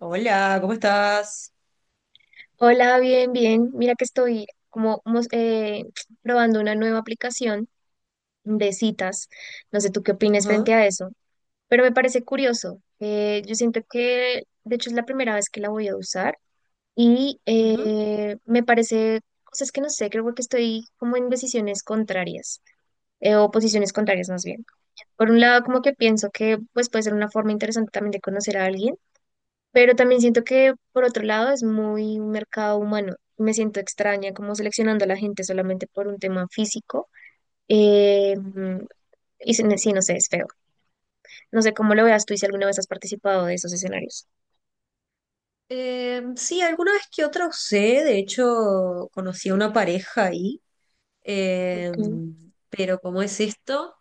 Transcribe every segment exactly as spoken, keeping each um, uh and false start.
Hola, ¿cómo estás? Hola, bien, bien. Mira que estoy como mos- eh, probando una nueva aplicación de citas. No sé tú qué opinas Ujú, frente a eso, pero me parece curioso. Eh, yo siento que, de hecho, es la primera vez que la voy a usar y ujú. eh, me parece cosas que no sé, creo que estoy como en decisiones contrarias eh, o posiciones contrarias más bien. Por un lado, como que pienso que pues puede ser una forma interesante también de conocer a alguien, pero también siento que, por otro lado, es muy un mercado humano. Me siento extraña como seleccionando a la gente solamente por un tema físico. Eh, mm, y se- sí, no sé, es feo. No sé cómo lo veas tú y si alguna vez has participado de esos escenarios. Eh, sí, alguna vez que otra usé, de hecho conocí a una pareja ahí, eh, Okay. pero ¿cómo es esto?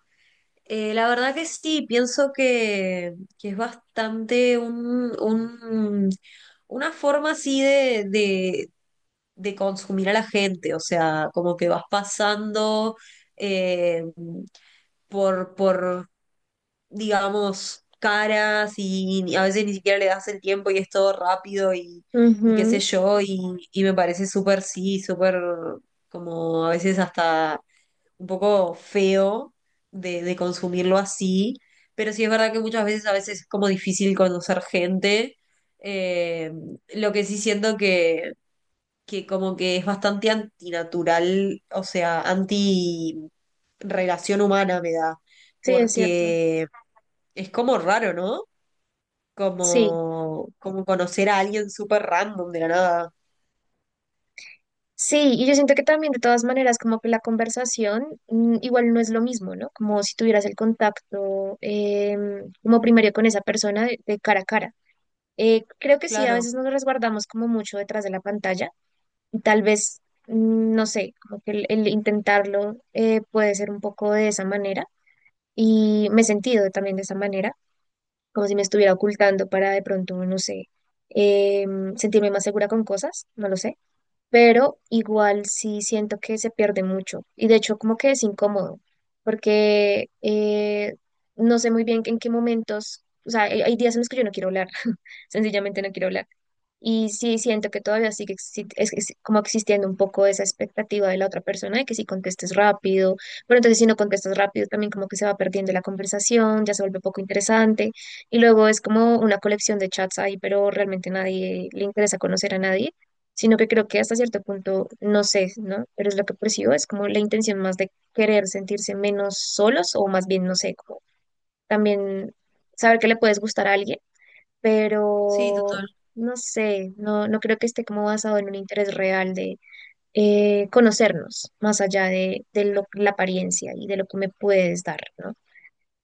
Eh, la verdad que sí, pienso que, que es bastante un, un- una forma así de, de, de consumir a la gente, o sea, como que vas pasando eh, por, por digamos, caras y ni- a veces ni siquiera le das el tiempo y es todo rápido y, y qué sé Ujú. yo, y, y me parece súper, sí, súper como a veces hasta un poco feo de, de consumirlo así, pero sí es verdad que muchas veces a veces es como difícil conocer gente. Eh, lo que sí siento que, que como que es bastante antinatural, o sea, anti relación humana me da Sí, es cierto. porque es como raro, ¿no? Sí. Como, como conocer a alguien súper random de la nada. Sí, y yo siento que también de todas maneras como que la conversación mm, igual no es lo mismo, ¿no? Como si tuvieras el contacto em, como primario con esa persona de de cara a cara. Eh, creo que sí, a Claro, veces nos resguardamos como mucho detrás de la pantalla y tal vez, mm, no sé, como que el, el intentarlo eh, puede ser un poco de esa manera y me he sentido también de esa manera, como si me estuviera ocultando para de pronto, no sé, eh, sentirme más segura con cosas, no lo sé, pero igual sí siento que se pierde mucho y de hecho como que es incómodo porque eh, no sé muy bien en qué momentos, o sea, hay hay días en los que yo no quiero hablar, sencillamente no quiero hablar y sí, siento que todavía sigue exi- es- es como existiendo un poco esa expectativa de la otra persona de que si contestes rápido, pero entonces si no contestas rápido también como que se va perdiendo la conversación, ya se vuelve poco interesante y luego es como una colección de chats ahí, pero realmente nadie le interesa conocer a nadie, sino que creo que hasta cierto punto, no sé, ¿no? Pero es lo que percibo, es como la intención más de querer sentirse menos solos o más bien, no sé, como también saber que le puedes gustar a alguien, sí, pero total, no sé, no, no creo que esté como basado en un interés real de eh, conocernos, más allá de, de lo- la apariencia y de lo que me puedes dar, ¿no?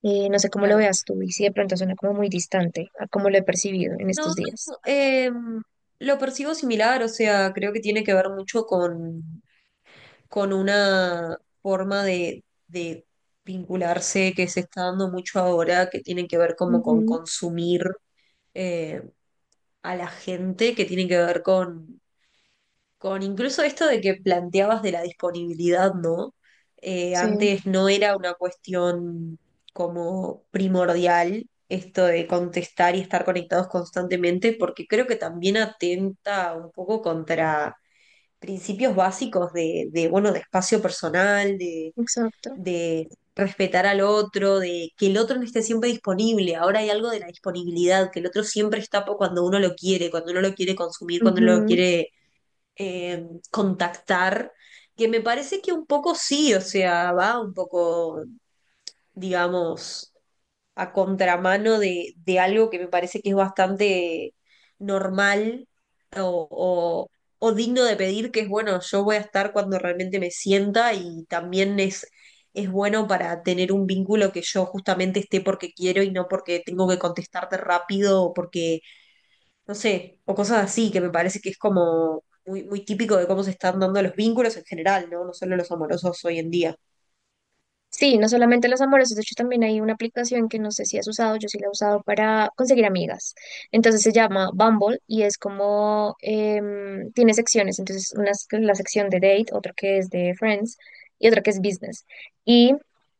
Eh, no sé cómo lo claro. veas tú y si de pronto suena como muy distante a cómo lo he percibido en estos No, días. no, em, lo percibo similar, o sea, creo que tiene que ver mucho con, con una forma de, de vincularse que se está dando mucho ahora, que tiene que ver como con Ujú, consumir eh, a la gente, que tiene que ver con Con incluso esto de que planteabas de la disponibilidad, ¿no? Eh, sí, antes no era una cuestión como primordial esto de contestar y estar conectados constantemente, porque creo que también atenta un poco contra principios básicos de, de, bueno, de espacio personal, de, exacto. de respetar al otro, de que el otro no esté siempre disponible. Ahora hay algo de la disponibilidad, que el otro siempre está po- cuando uno lo quiere, cuando uno lo quiere consumir, cuando uno lo quiere eh, contactar, que me parece que un poco sí, o sea, va un poco, digamos, a contramano de, de algo que me parece que es bastante normal o, o- o digno de pedir, que es bueno, yo voy a estar cuando realmente me sienta y también es, es bueno para tener un vínculo que yo justamente esté porque quiero y no porque tengo que contestarte rápido o porque no sé, o cosas así, que me parece que es como muy, muy típico de cómo se están dando los vínculos en general, ¿no? No solo los amorosos hoy en día. Sí, no solamente los amorosos, de hecho también hay una aplicación que no sé si has usado, yo sí la he usado para conseguir amigas. Entonces se llama Bumble y es como, em, tiene secciones, entonces una es la sección de date, otra que es de friends y otra que es business. Y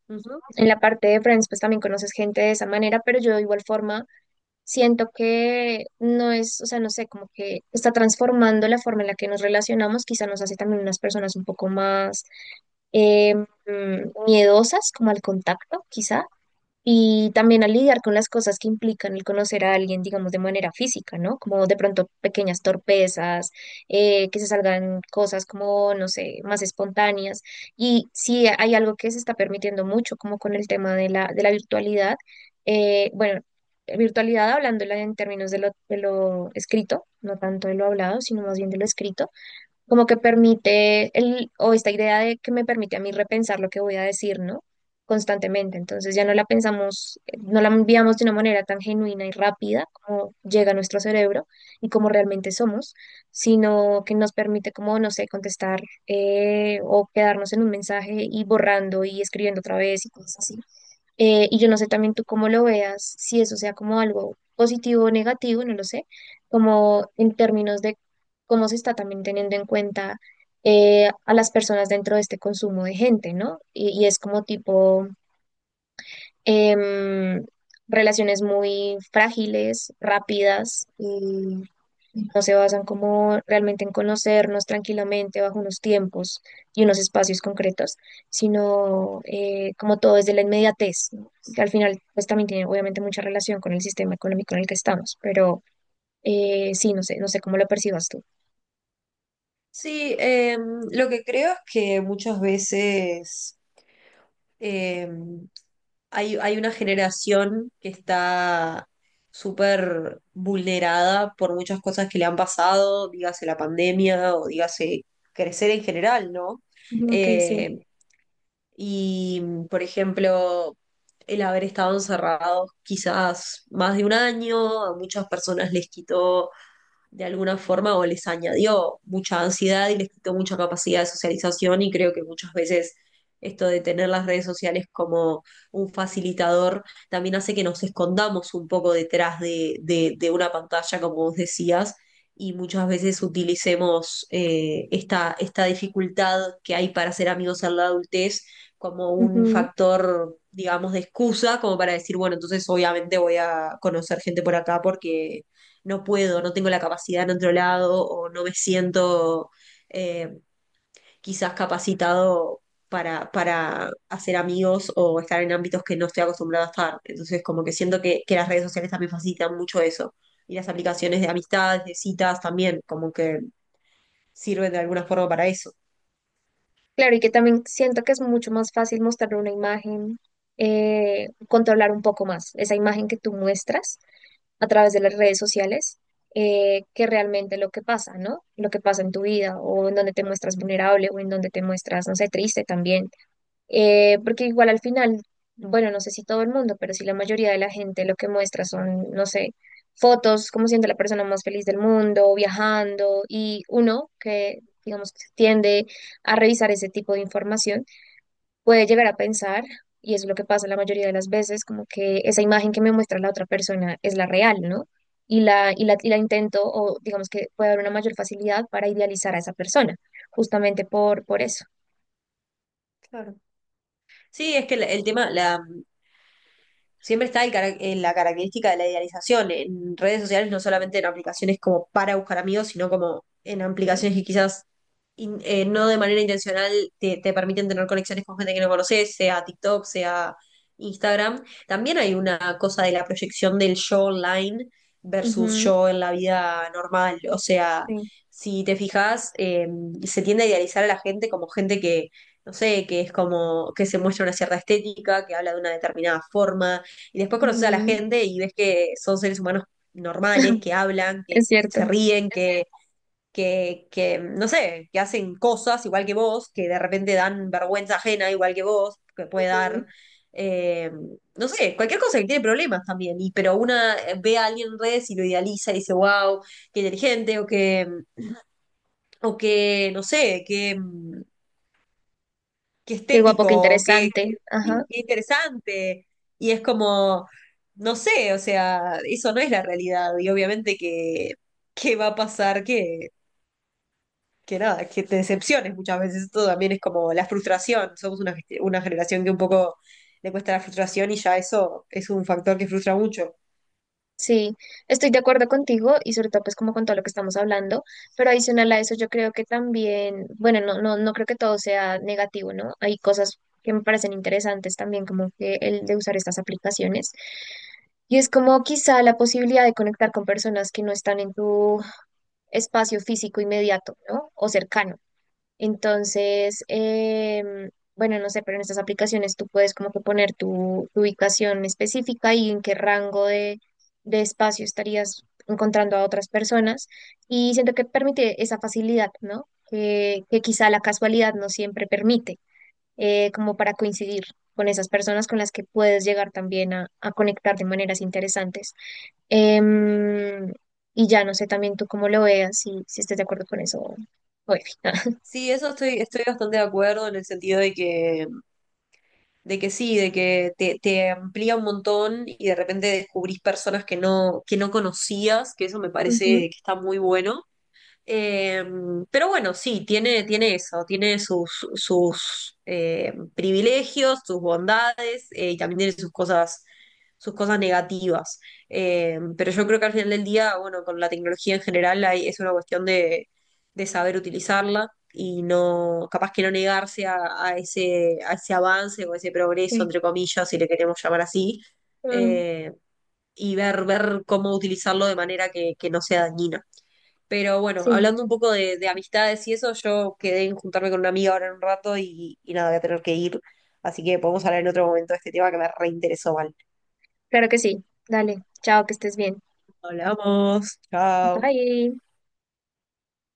Ujú. en la parte de friends pues también conoces gente de esa manera, pero yo de igual forma siento que no es, o sea, no sé, como que está transformando la forma en la que nos relacionamos, quizá nos hace también unas personas un poco más eh, mm, miedosas como al contacto, quizá, y también a lidiar con las cosas que implican el conocer a alguien, digamos, de manera física, ¿no? Como de pronto pequeñas torpezas, eh, que se salgan cosas como, no sé, más espontáneas. Y sí, hay algo que se está permitiendo mucho, como con el tema de la, de la virtualidad. eh, bueno, virtualidad hablándola en términos de lo, de lo escrito, no tanto de lo hablado, sino más bien de lo escrito, como que permite el, o esta idea de que me permite a mí repensar lo que voy a decir, ¿no? Constantemente. Entonces ya no la pensamos, eh, no la enviamos de una manera tan genuina y rápida como llega a nuestro cerebro y como realmente somos, sino que nos permite como, no sé, contestar eh, o quedarnos en un mensaje y borrando y escribiendo otra vez y cosas así. Eh, y yo no sé también tú cómo lo veas, si eso sea como algo positivo o negativo, no lo sé, como en términos de cómo se está también teniendo en cuenta eh, a las personas dentro de este consumo de gente, ¿no? Y, y es como tipo em, relaciones muy frágiles, rápidas, no se basan como realmente en conocernos tranquilamente bajo unos tiempos y unos espacios concretos, sino eh, como todo desde la inmediatez, ¿no? Que al final pues también tiene obviamente mucha relación con el sistema económico en el que estamos, pero eh, sí, no sé, no sé cómo lo percibas tú. Sí, eh, lo que creo es que muchas veces eh, hay, hay una generación que está súper vulnerada por muchas cosas que le han pasado, dígase la pandemia o dígase crecer en general, ¿no? Ok, sí. Eh, Y, por ejemplo, el haber estado encerrados quizás más de un año, a muchas personas les quitó de alguna forma o les añadió mucha ansiedad y les quitó mucha capacidad de socialización y creo que muchas veces esto de tener las redes sociales como un facilitador también hace que nos escondamos un poco detrás de, de- de una pantalla, como vos decías, y muchas veces utilicemos eh, esta, esta dificultad que hay para ser amigos en la adultez como un Ujú. factor, digamos, de excusa, como para decir, bueno, entonces obviamente voy a conocer gente por acá porque no puedo, no tengo la capacidad en otro lado o no me siento eh, quizás capacitado para, para hacer amigos o estar en ámbitos que no estoy acostumbrado a estar. Entonces, como que siento que, que las redes sociales también facilitan mucho eso. Y las aplicaciones de amistades, de citas también, como que sirven de alguna forma para eso. Claro, y que también siento que es mucho más fácil mostrar una imagen, eh, controlar un poco más esa imagen que tú muestras a través de las redes sociales, eh, que realmente lo que pasa, ¿no? Lo que pasa en tu vida o en donde te muestras vulnerable o en donde te muestras, no sé, triste también. Eh, porque igual al final, bueno, no sé si todo el mundo, pero si la mayoría de la gente lo que muestra son, no sé, fotos, cómo siente la persona más feliz del mundo, viajando y uno que, digamos, tiende a revisar ese tipo de información puede llegar a pensar, y es lo que pasa la mayoría de las veces, como que esa imagen que me muestra la otra persona es la real, ¿no? Y la, y la, y la intento, o digamos que puede haber una mayor facilidad para idealizar a esa persona, justamente por, por eso. Claro. Sí, es que el, el tema, la, siempre está el cara- en la característica de la idealización en redes sociales, no solamente en aplicaciones como para buscar amigos, sino como en aplicaciones que quizás in- eh, no de manera intencional te, te permiten tener conexiones con gente que no conoces, sea TikTok, sea Instagram. También hay una cosa de la proyección del yo online versus Ujú, yo en la vida normal. O sea, sí, si te fijas, eh, se tiende a idealizar a la gente como gente que... No sé, que es como que se muestra una cierta estética, que habla de una determinada forma, y después conoces a la ujú. gente y ves que son seres humanos normales, que hablan, que Es se cierto. ríen, que, que, que, no sé, que hacen cosas igual que vos, que de repente dan vergüenza ajena igual que vos, que puede Ujú. dar, eh, no sé, cualquier cosa que tiene problemas también, y, pero una eh, ve a alguien en redes y lo idealiza y dice, wow, qué inteligente, o que, o que, no sé, que mm, qué Qué guapo, qué estético, qué, interesante. qué- Ajá. sí, qué interesante. Y es como, no sé, o sea, eso no es la realidad. Y obviamente que, que va a pasar que, que nada, que te decepciones muchas veces. Esto también es como la frustración. Somos una, gest- una generación que un poco le cuesta la frustración y ya eso es un factor que frustra mucho. Sí, estoy de acuerdo contigo y sobre todo pues como con todo lo que estamos hablando, pero adicional a eso yo creo que también, bueno, no, no, no creo que todo sea negativo, ¿no? Hay cosas que me parecen interesantes también, como que el de usar estas aplicaciones. Y es como quizá la posibilidad de conectar con personas que no están en tu espacio físico inmediato, ¿no? O cercano. Entonces, em, bueno, no sé, pero en estas aplicaciones tú puedes como que poner tu, tu ubicación específica y en qué rango de, de espacio estarías encontrando a otras personas. Y siento que permite esa facilidad, ¿no? Que, que quizá la casualidad no siempre permite, eh, como para coincidir con esas personas con las que puedes llegar también a, a conectar de maneras interesantes. Em, y ya no sé también tú cómo lo veas, si, si estés de acuerdo con eso. Oye. Sí, eso estoy, estoy bastante de acuerdo en el sentido de que de que sí, de que te, te amplía un montón y de repente descubrís personas que no, que no conocías, que eso me parece Ujú, que está muy bueno. Eh, pero bueno, sí, tiene, tiene eso, tiene sus, sus eh, privilegios, sus bondades eh, y también tiene sus cosas, sus cosas negativas. Eh, pero yo creo que al final del día, bueno, con la tecnología en general hay- es una cuestión de, de saber utilizarla y no, capaz que no negarse a, a ese, a ese avance o ese progreso, sí. entre comillas, si le queremos llamar así, Mm, eh, y ver, ver cómo utilizarlo de manera que, que no sea dañina. Pero bueno, sí, hablando un poco de, de amistades y eso, yo quedé en juntarme con una amiga ahora en un rato y, y nada, voy a tener que ir. Así que podemos hablar en otro momento de este tema que me reinteresó mal. claro que sí. Dale, chao, que estés bien. Hablamos, chao. Bye.